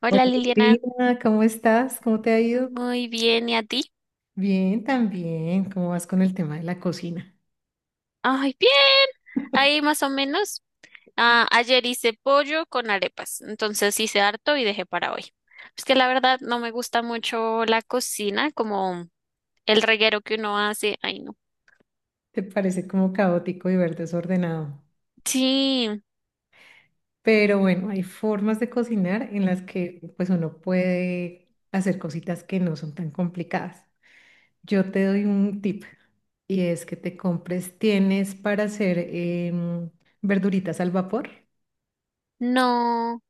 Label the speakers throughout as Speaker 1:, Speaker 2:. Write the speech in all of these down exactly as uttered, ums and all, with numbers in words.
Speaker 1: Hola
Speaker 2: Buenos
Speaker 1: Liliana,
Speaker 2: días, ¿cómo estás? ¿Cómo te ha ido?
Speaker 1: muy bien, ¿y a ti?
Speaker 2: Bien, también. ¿Cómo vas con el tema de la cocina?
Speaker 1: Ay, bien, ahí más o menos. Ah, ayer hice pollo con arepas, entonces hice harto y dejé para hoy. Es que la verdad no me gusta mucho la cocina, como el reguero que uno hace. Ay, no.
Speaker 2: Te parece como caótico y ver desordenado.
Speaker 1: Sí,
Speaker 2: Pero bueno, hay formas de cocinar en las que pues uno puede hacer cositas que no son tan complicadas. Yo te doy un tip y es que te compres, tienes para hacer em, verduritas al vapor.
Speaker 1: no,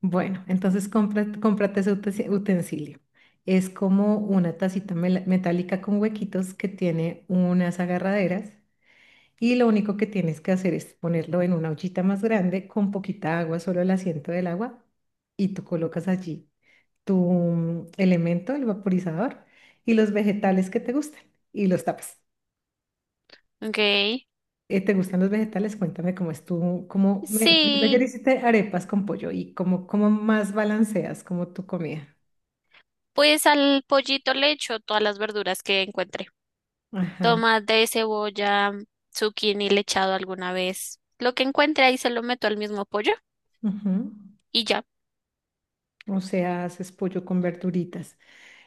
Speaker 2: Bueno, entonces cómprate, cómprate ese utens- utensilio. Es como una tacita mela- metálica con huequitos que tiene unas agarraderas y lo único que tienes que hacer es ponerlo en una ollita más grande con poquita agua, solo el asiento del agua, y tú colocas allí tu mm, elemento, el vaporizador, y los vegetales que te gustan y los tapas.
Speaker 1: ok.
Speaker 2: Eh, ¿te gustan los vegetales? Cuéntame cómo es tú, cómo me, ayer
Speaker 1: Sí,
Speaker 2: hiciste arepas con pollo y cómo, cómo más balanceas como tu comida.
Speaker 1: pues al pollito le echo todas las verduras que encuentre.
Speaker 2: Ajá,
Speaker 1: Tomate, cebolla, zucchini le he echado alguna vez. Lo que encuentre ahí se lo meto al mismo pollo
Speaker 2: ujú.
Speaker 1: y ya.
Speaker 2: O sea, haces pollo con verduritas.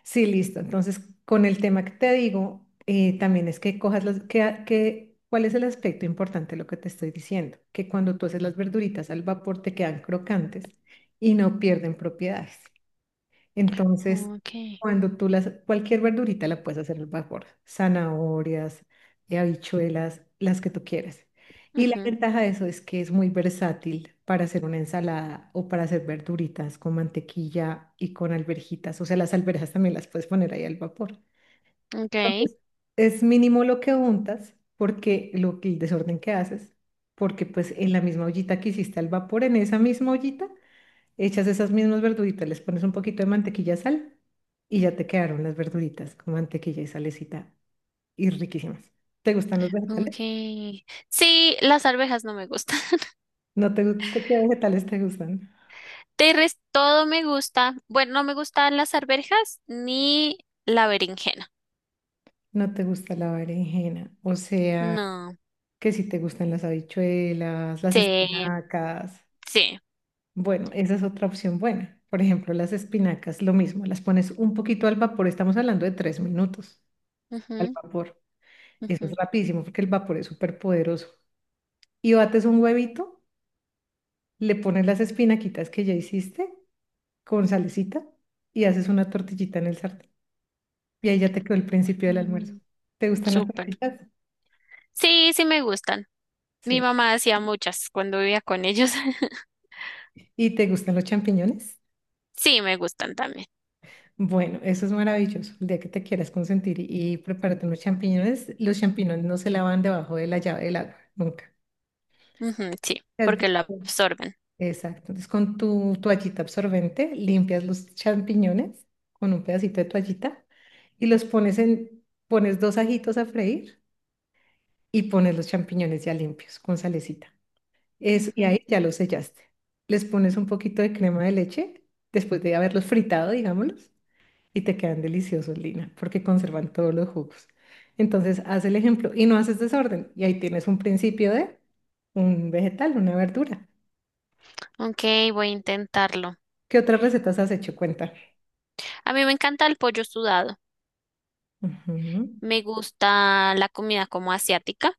Speaker 2: Sí, listo. Entonces, con el tema que te digo, eh, también es que cojas las, que, a- que, ¿cuál es el aspecto importante de lo que te estoy diciendo? Que cuando tú haces las verduritas al vapor te quedan crocantes y no pierden propiedades. Entonces,
Speaker 1: Okay.
Speaker 2: cuando tú las, cualquier verdurita la puedes hacer al vapor, zanahorias, eh, habichuelas, las que tú quieras. Y la
Speaker 1: ujú,
Speaker 2: ventaja de eso es que es muy versátil para hacer una ensalada o para hacer verduritas con mantequilla y con alverjitas. O sea, las alverjas también las puedes poner ahí al vapor.
Speaker 1: Okay.
Speaker 2: Entonces, es mínimo lo que untas, porque lo, que- el desorden que haces, porque pues en la misma ollita que hiciste al vapor, en esa misma ollita, echas esas mismas verduritas, les pones un poquito de mantequilla, sal y ya te quedaron las verduritas con mantequilla y salecita y riquísimas. ¿Te gustan los vegetales?
Speaker 1: Okay. Sí, las arvejas no me gustan.
Speaker 2: No te, gu- ¿qué vegetales te gustan?
Speaker 1: De resto, todo me gusta. Bueno, no me gustan las arvejas ni la berenjena.
Speaker 2: No te gusta la berenjena, o sea,
Speaker 1: No.
Speaker 2: que si te gustan las habichuelas, las
Speaker 1: Sí,
Speaker 2: espinacas.
Speaker 1: sí.
Speaker 2: Bueno, esa es otra opción buena. Por ejemplo, las espinacas, lo mismo, las pones un poquito al vapor, estamos hablando de tres minutos al
Speaker 1: ujú,
Speaker 2: vapor. Eso es
Speaker 1: ujú,
Speaker 2: rapidísimo porque el vapor es súper poderoso. Y bates un huevito, le pones las espinaquitas que ya hiciste con salecita y haces una tortillita en el sartén. Y ahí ya te quedó el principio del almuerzo.
Speaker 1: mm,
Speaker 2: ¿Te gustan las
Speaker 1: súper.
Speaker 2: tortillas?
Speaker 1: Sí, sí me gustan. Mi
Speaker 2: Sí.
Speaker 1: mamá hacía muchas cuando vivía con ellos.
Speaker 2: ¿Y te gustan los champiñones?
Speaker 1: Sí, me gustan también.
Speaker 2: Bueno, eso es maravilloso. El día que te quieras consentir y, y prepárate unos champiñones, los champiñones no se lavan debajo de la llave del agua, nunca.
Speaker 1: Ujú, sí,
Speaker 2: ¿Has
Speaker 1: porque lo
Speaker 2: visto?
Speaker 1: absorben.
Speaker 2: Exacto. Entonces, con tu toallita absorbente, limpias los champiñones con un pedacito de toallita y los pones en, pones dos ajitos a freír y pones los champiñones ya limpios con salecita. Eso, y
Speaker 1: Ujú.
Speaker 2: ahí ya los sellaste. Les pones un poquito de crema de leche después de haberlos fritado, digámoslos, y te quedan deliciosos, Lina, porque conservan todos los jugos. Entonces, haz el ejemplo y no haces desorden. Y ahí tienes un principio de un vegetal, una verdura.
Speaker 1: Ok, voy a intentarlo.
Speaker 2: ¿Qué otras recetas has hecho? Cuenta.
Speaker 1: A mí me encanta el pollo sudado.
Speaker 2: Ujú.
Speaker 1: Me gusta la comida como asiática.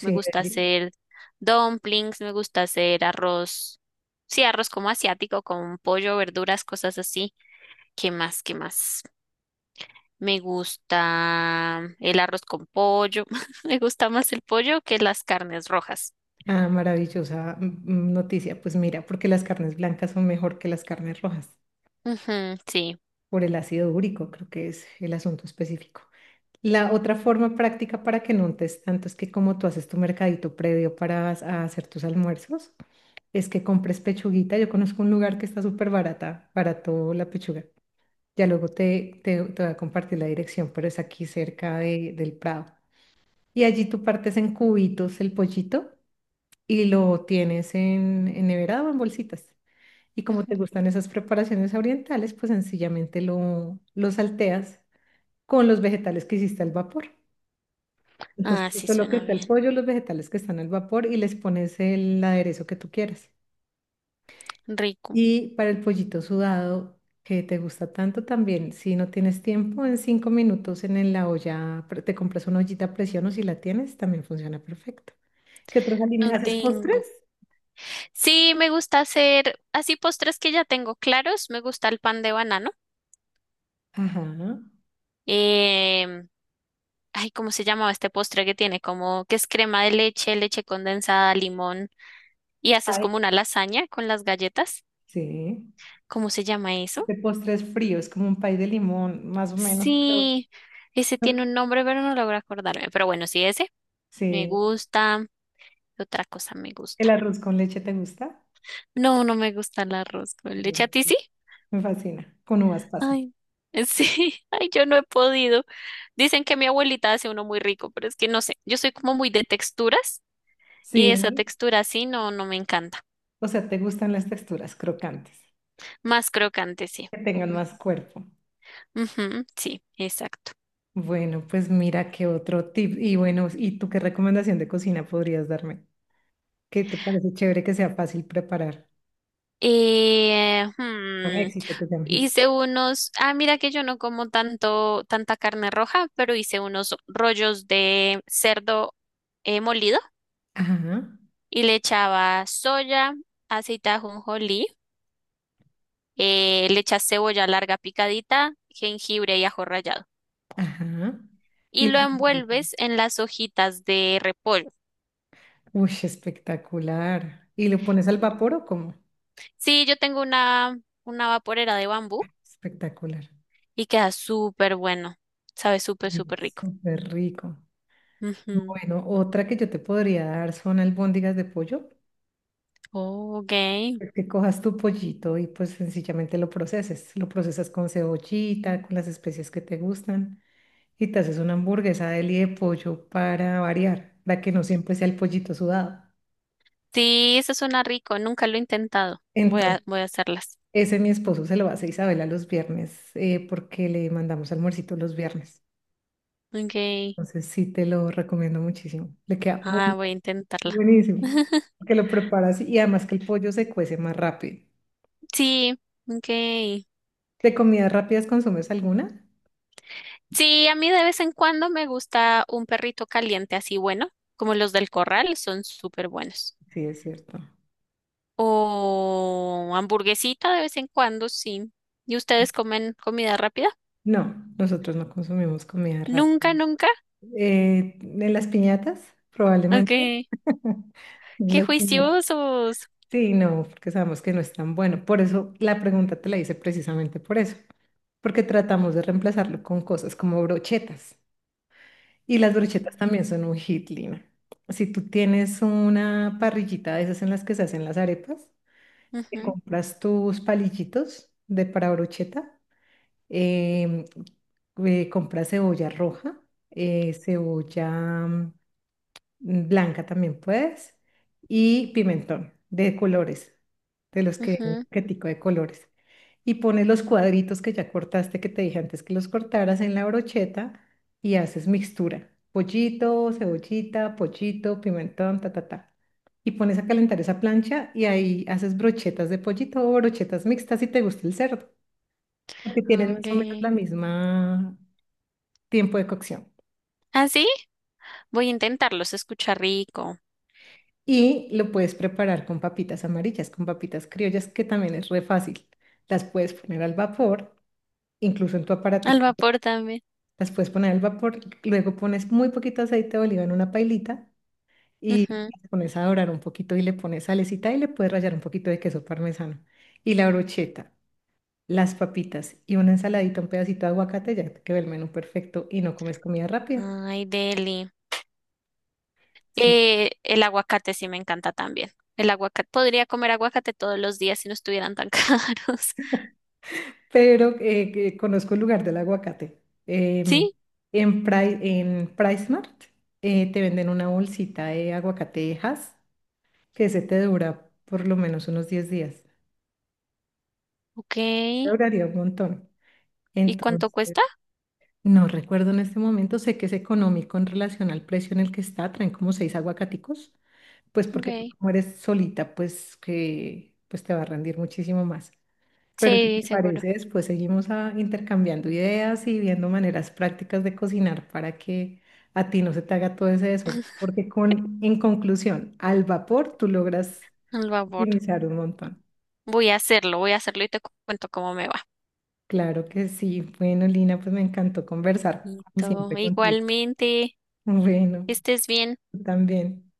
Speaker 1: Me gusta
Speaker 2: Andy.
Speaker 1: hacer dumplings, me gusta hacer arroz. Sí, arroz como asiático, con pollo, verduras, cosas así. ¿Qué más? ¿Qué más? Me gusta el arroz con pollo. Me gusta más el pollo que las carnes rojas.
Speaker 2: Ah, maravillosa mm, mm, noticia. Pues mira, porque las carnes blancas son mejor que las carnes rojas,
Speaker 1: Ujú, sí.
Speaker 2: por el ácido úrico, creo que es el asunto específico. La otra forma práctica para que no untes tanto es que como tú haces tu mercadito previo para as- a hacer tus almuerzos, es que compres pechuguita. Yo conozco un lugar que está súper barata, barato la pechuga. Ya luego te, te, te voy a compartir la dirección, pero es aquí cerca de- del Prado. Y allí tú partes en cubitos el pollito y lo tienes en, en nevera o en bolsitas. Y como te
Speaker 1: Ujú.
Speaker 2: gustan esas preparaciones orientales, pues sencillamente lo, lo salteas con los vegetales que hiciste al vapor. Entonces,
Speaker 1: Ah, sí,
Speaker 2: eso es lo que
Speaker 1: suena
Speaker 2: está
Speaker 1: bien.
Speaker 2: el pollo, los vegetales que están al vapor y les pones el aderezo que tú quieras.
Speaker 1: Rico.
Speaker 2: Y para el pollito sudado, que te gusta tanto también, si no tienes tiempo, en cinco minutos en el- la olla, pre- te compras una ollita a presión o si la tienes, también funciona perfecto. ¿Qué otros
Speaker 1: No
Speaker 2: alimentos? ¿Haces postres?
Speaker 1: tengo. Sí, me gusta hacer así postres que ya tengo claros. Me gusta el pan de banano.
Speaker 2: Ajá.
Speaker 1: Em, Ay, ¿cómo se llamaba este postre que tiene? Como que es crema de leche, leche condensada, limón y haces
Speaker 2: Ay.
Speaker 1: como una lasaña con las galletas.
Speaker 2: Sí.
Speaker 1: ¿Cómo se llama eso?
Speaker 2: Este postre es frío, es como un pay de limón, más o menos, pero
Speaker 1: Sí, ese tiene un nombre, pero no logro acordarme. Pero bueno, sí, ese me
Speaker 2: sí.
Speaker 1: gusta. ¿Qué Otra cosa me
Speaker 2: ¿El
Speaker 1: gusta?
Speaker 2: arroz con leche te gusta?
Speaker 1: No, no me gusta el arroz con leche. ¿A ti sí?
Speaker 2: Me fascina. Con uvas pasas.
Speaker 1: Ay, sí. Ay, yo no he podido. Dicen que mi abuelita hace uno muy rico, pero es que no sé. Yo soy como muy de texturas y esa
Speaker 2: Sí.
Speaker 1: textura así no, no me encanta.
Speaker 2: O sea, te gustan las texturas crocantes,
Speaker 1: Más crocante, sí.
Speaker 2: que tengan más cuerpo.
Speaker 1: Ujú, sí, exacto.
Speaker 2: Bueno, pues mira qué otro tip. Y bueno, ¿y tú qué recomendación de cocina podrías darme? ¿Qué te parece chévere que sea fácil preparar?
Speaker 1: Eh,
Speaker 2: Un
Speaker 1: hmm,
Speaker 2: éxito que sea un hit.
Speaker 1: hice unos, ah, Mira que yo no como tanto, tanta carne roja, pero hice unos rollos de cerdo eh, molido,
Speaker 2: Ajá,
Speaker 1: y le echaba soya, aceite de ajonjolí, eh, le echas cebolla larga picadita, jengibre y ajo rallado.
Speaker 2: ajá.
Speaker 1: Y
Speaker 2: Y
Speaker 1: lo
Speaker 2: le-
Speaker 1: envuelves en las hojitas de repollo.
Speaker 2: Uy, espectacular. ¿Y lo pones al vapor o cómo?
Speaker 1: Sí, yo tengo una, una vaporera de bambú
Speaker 2: Espectacular.
Speaker 1: y queda súper bueno. Sabe súper,
Speaker 2: Uy,
Speaker 1: súper rico.
Speaker 2: súper rico.
Speaker 1: Ujú.
Speaker 2: Bueno, otra que yo te podría dar son albóndigas de pollo.
Speaker 1: Oh, ok.
Speaker 2: Que cojas tu pollito y pues sencillamente lo proceses. Lo procesas con cebollita, con las especias que te gustan y te haces una hamburguesa de li de pollo para variar, para que no siempre sea el pollito sudado.
Speaker 1: Sí, eso suena rico. Nunca lo he intentado. Voy
Speaker 2: Entonces,
Speaker 1: a, voy a hacerlas.
Speaker 2: ese mi esposo se lo hace a Isabela los viernes eh, porque le mandamos almuercito los viernes.
Speaker 1: Ok.
Speaker 2: Entonces sí te lo recomiendo muchísimo. Le queda bu-
Speaker 1: Ah, voy a intentarla.
Speaker 2: buenísimo. Que lo preparas y además que el pollo se cuece más rápido.
Speaker 1: Sí, ok.
Speaker 2: ¿De comidas rápidas consumes alguna?
Speaker 1: Sí, a mí de vez en cuando me gusta un perrito caliente así bueno, como los del corral, son súper buenos.
Speaker 2: Sí, es cierto.
Speaker 1: O hamburguesita de vez en cuando, sí. ¿Y ustedes comen comida rápida?
Speaker 2: No, nosotros no consumimos comida rápida.
Speaker 1: Nunca, nunca.
Speaker 2: Eh, ¿en las piñatas? Probablemente.
Speaker 1: Ok.
Speaker 2: En
Speaker 1: Qué
Speaker 2: las piñatas.
Speaker 1: juiciosos.
Speaker 2: Sí, no, porque sabemos que no es tan bueno. Por eso la pregunta te la hice precisamente por eso. Porque tratamos de reemplazarlo con cosas como brochetas. Y las brochetas
Speaker 1: Mm,
Speaker 2: también son un hit, Lina. Si tú tienes una parrillita de esas en las que se hacen las arepas, te
Speaker 1: ujú,
Speaker 2: compras tus palillitos de para brocheta em, eh, compra cebolla roja, eh, cebolla mm, blanca también puedes, y pimentón de colores, de los que vienen en el
Speaker 1: Ujú.
Speaker 2: paquetico de colores. Y pones los cuadritos que ya cortaste, que te dije antes que los cortaras en la brocheta y haces mixtura. Pollito, cebollita, pollito, pimentón, ta, ta, ta. Y pones a calentar esa plancha y ahí haces brochetas de pollito o brochetas mixtas si te gusta el cerdo porque tienen más o menos
Speaker 1: Hombre.
Speaker 2: la misma tiempo de cocción.
Speaker 1: ¿Ah, sí? Voy a intentarlo, se escucha rico.
Speaker 2: Y lo puedes preparar con papitas amarillas, con papitas criollas, que también es re fácil. Las puedes poner al vapor, incluso en tu
Speaker 1: Al
Speaker 2: aparatico.
Speaker 1: vapor también.
Speaker 2: Las puedes poner al vapor, luego pones muy poquito aceite de oliva en una pailita y
Speaker 1: Ujú.
Speaker 2: las pones a dorar un poquito y le pones salecita y le puedes rallar un poquito de queso parmesano. Y la brocheta, las papitas y una ensaladita, un pedacito de aguacate, ya te quedó el menú perfecto y no comes comida rápida.
Speaker 1: Ay, deli.
Speaker 2: Sí.
Speaker 1: Eh, el aguacate sí me encanta también. El aguacate. Podría comer aguacate todos los días si no estuvieran tan caros.
Speaker 2: Pero eh, que conozco el lugar del aguacate. Em,
Speaker 1: ¿Sí?
Speaker 2: en, Pri- en PriceMart eh, te venden una bolsita de aguacate aguacatejas que se te dura por lo menos unos diez días.
Speaker 1: Ok.
Speaker 2: Te
Speaker 1: ¿Y
Speaker 2: duraría un montón.
Speaker 1: cuánto
Speaker 2: Entonces,
Speaker 1: cuesta?
Speaker 2: no recuerdo en este momento, sé que es económico en relación al precio en el que está, traen como seis aguacaticos, pues
Speaker 1: Ok.
Speaker 2: porque tú como eres solita, pues que pues te va a rendir muchísimo más. Pero si
Speaker 1: Sí,
Speaker 2: te
Speaker 1: seguro.
Speaker 2: parece, después seguimos ah, intercambiando ideas y viendo maneras prácticas de cocinar para que a ti no se te haga todo ese desorden. Porque con, en conclusión, al vapor tú logras
Speaker 1: Al vapor.
Speaker 2: optimizar un montón.
Speaker 1: Voy a hacerlo, voy a hacerlo y te cu- cuento cómo me va.
Speaker 2: Claro que sí. Bueno, Lina, pues me encantó conversar, como
Speaker 1: Listo.
Speaker 2: siempre, contigo.
Speaker 1: Igualmente,
Speaker 2: Bueno,
Speaker 1: que estés bien.
Speaker 2: tú también.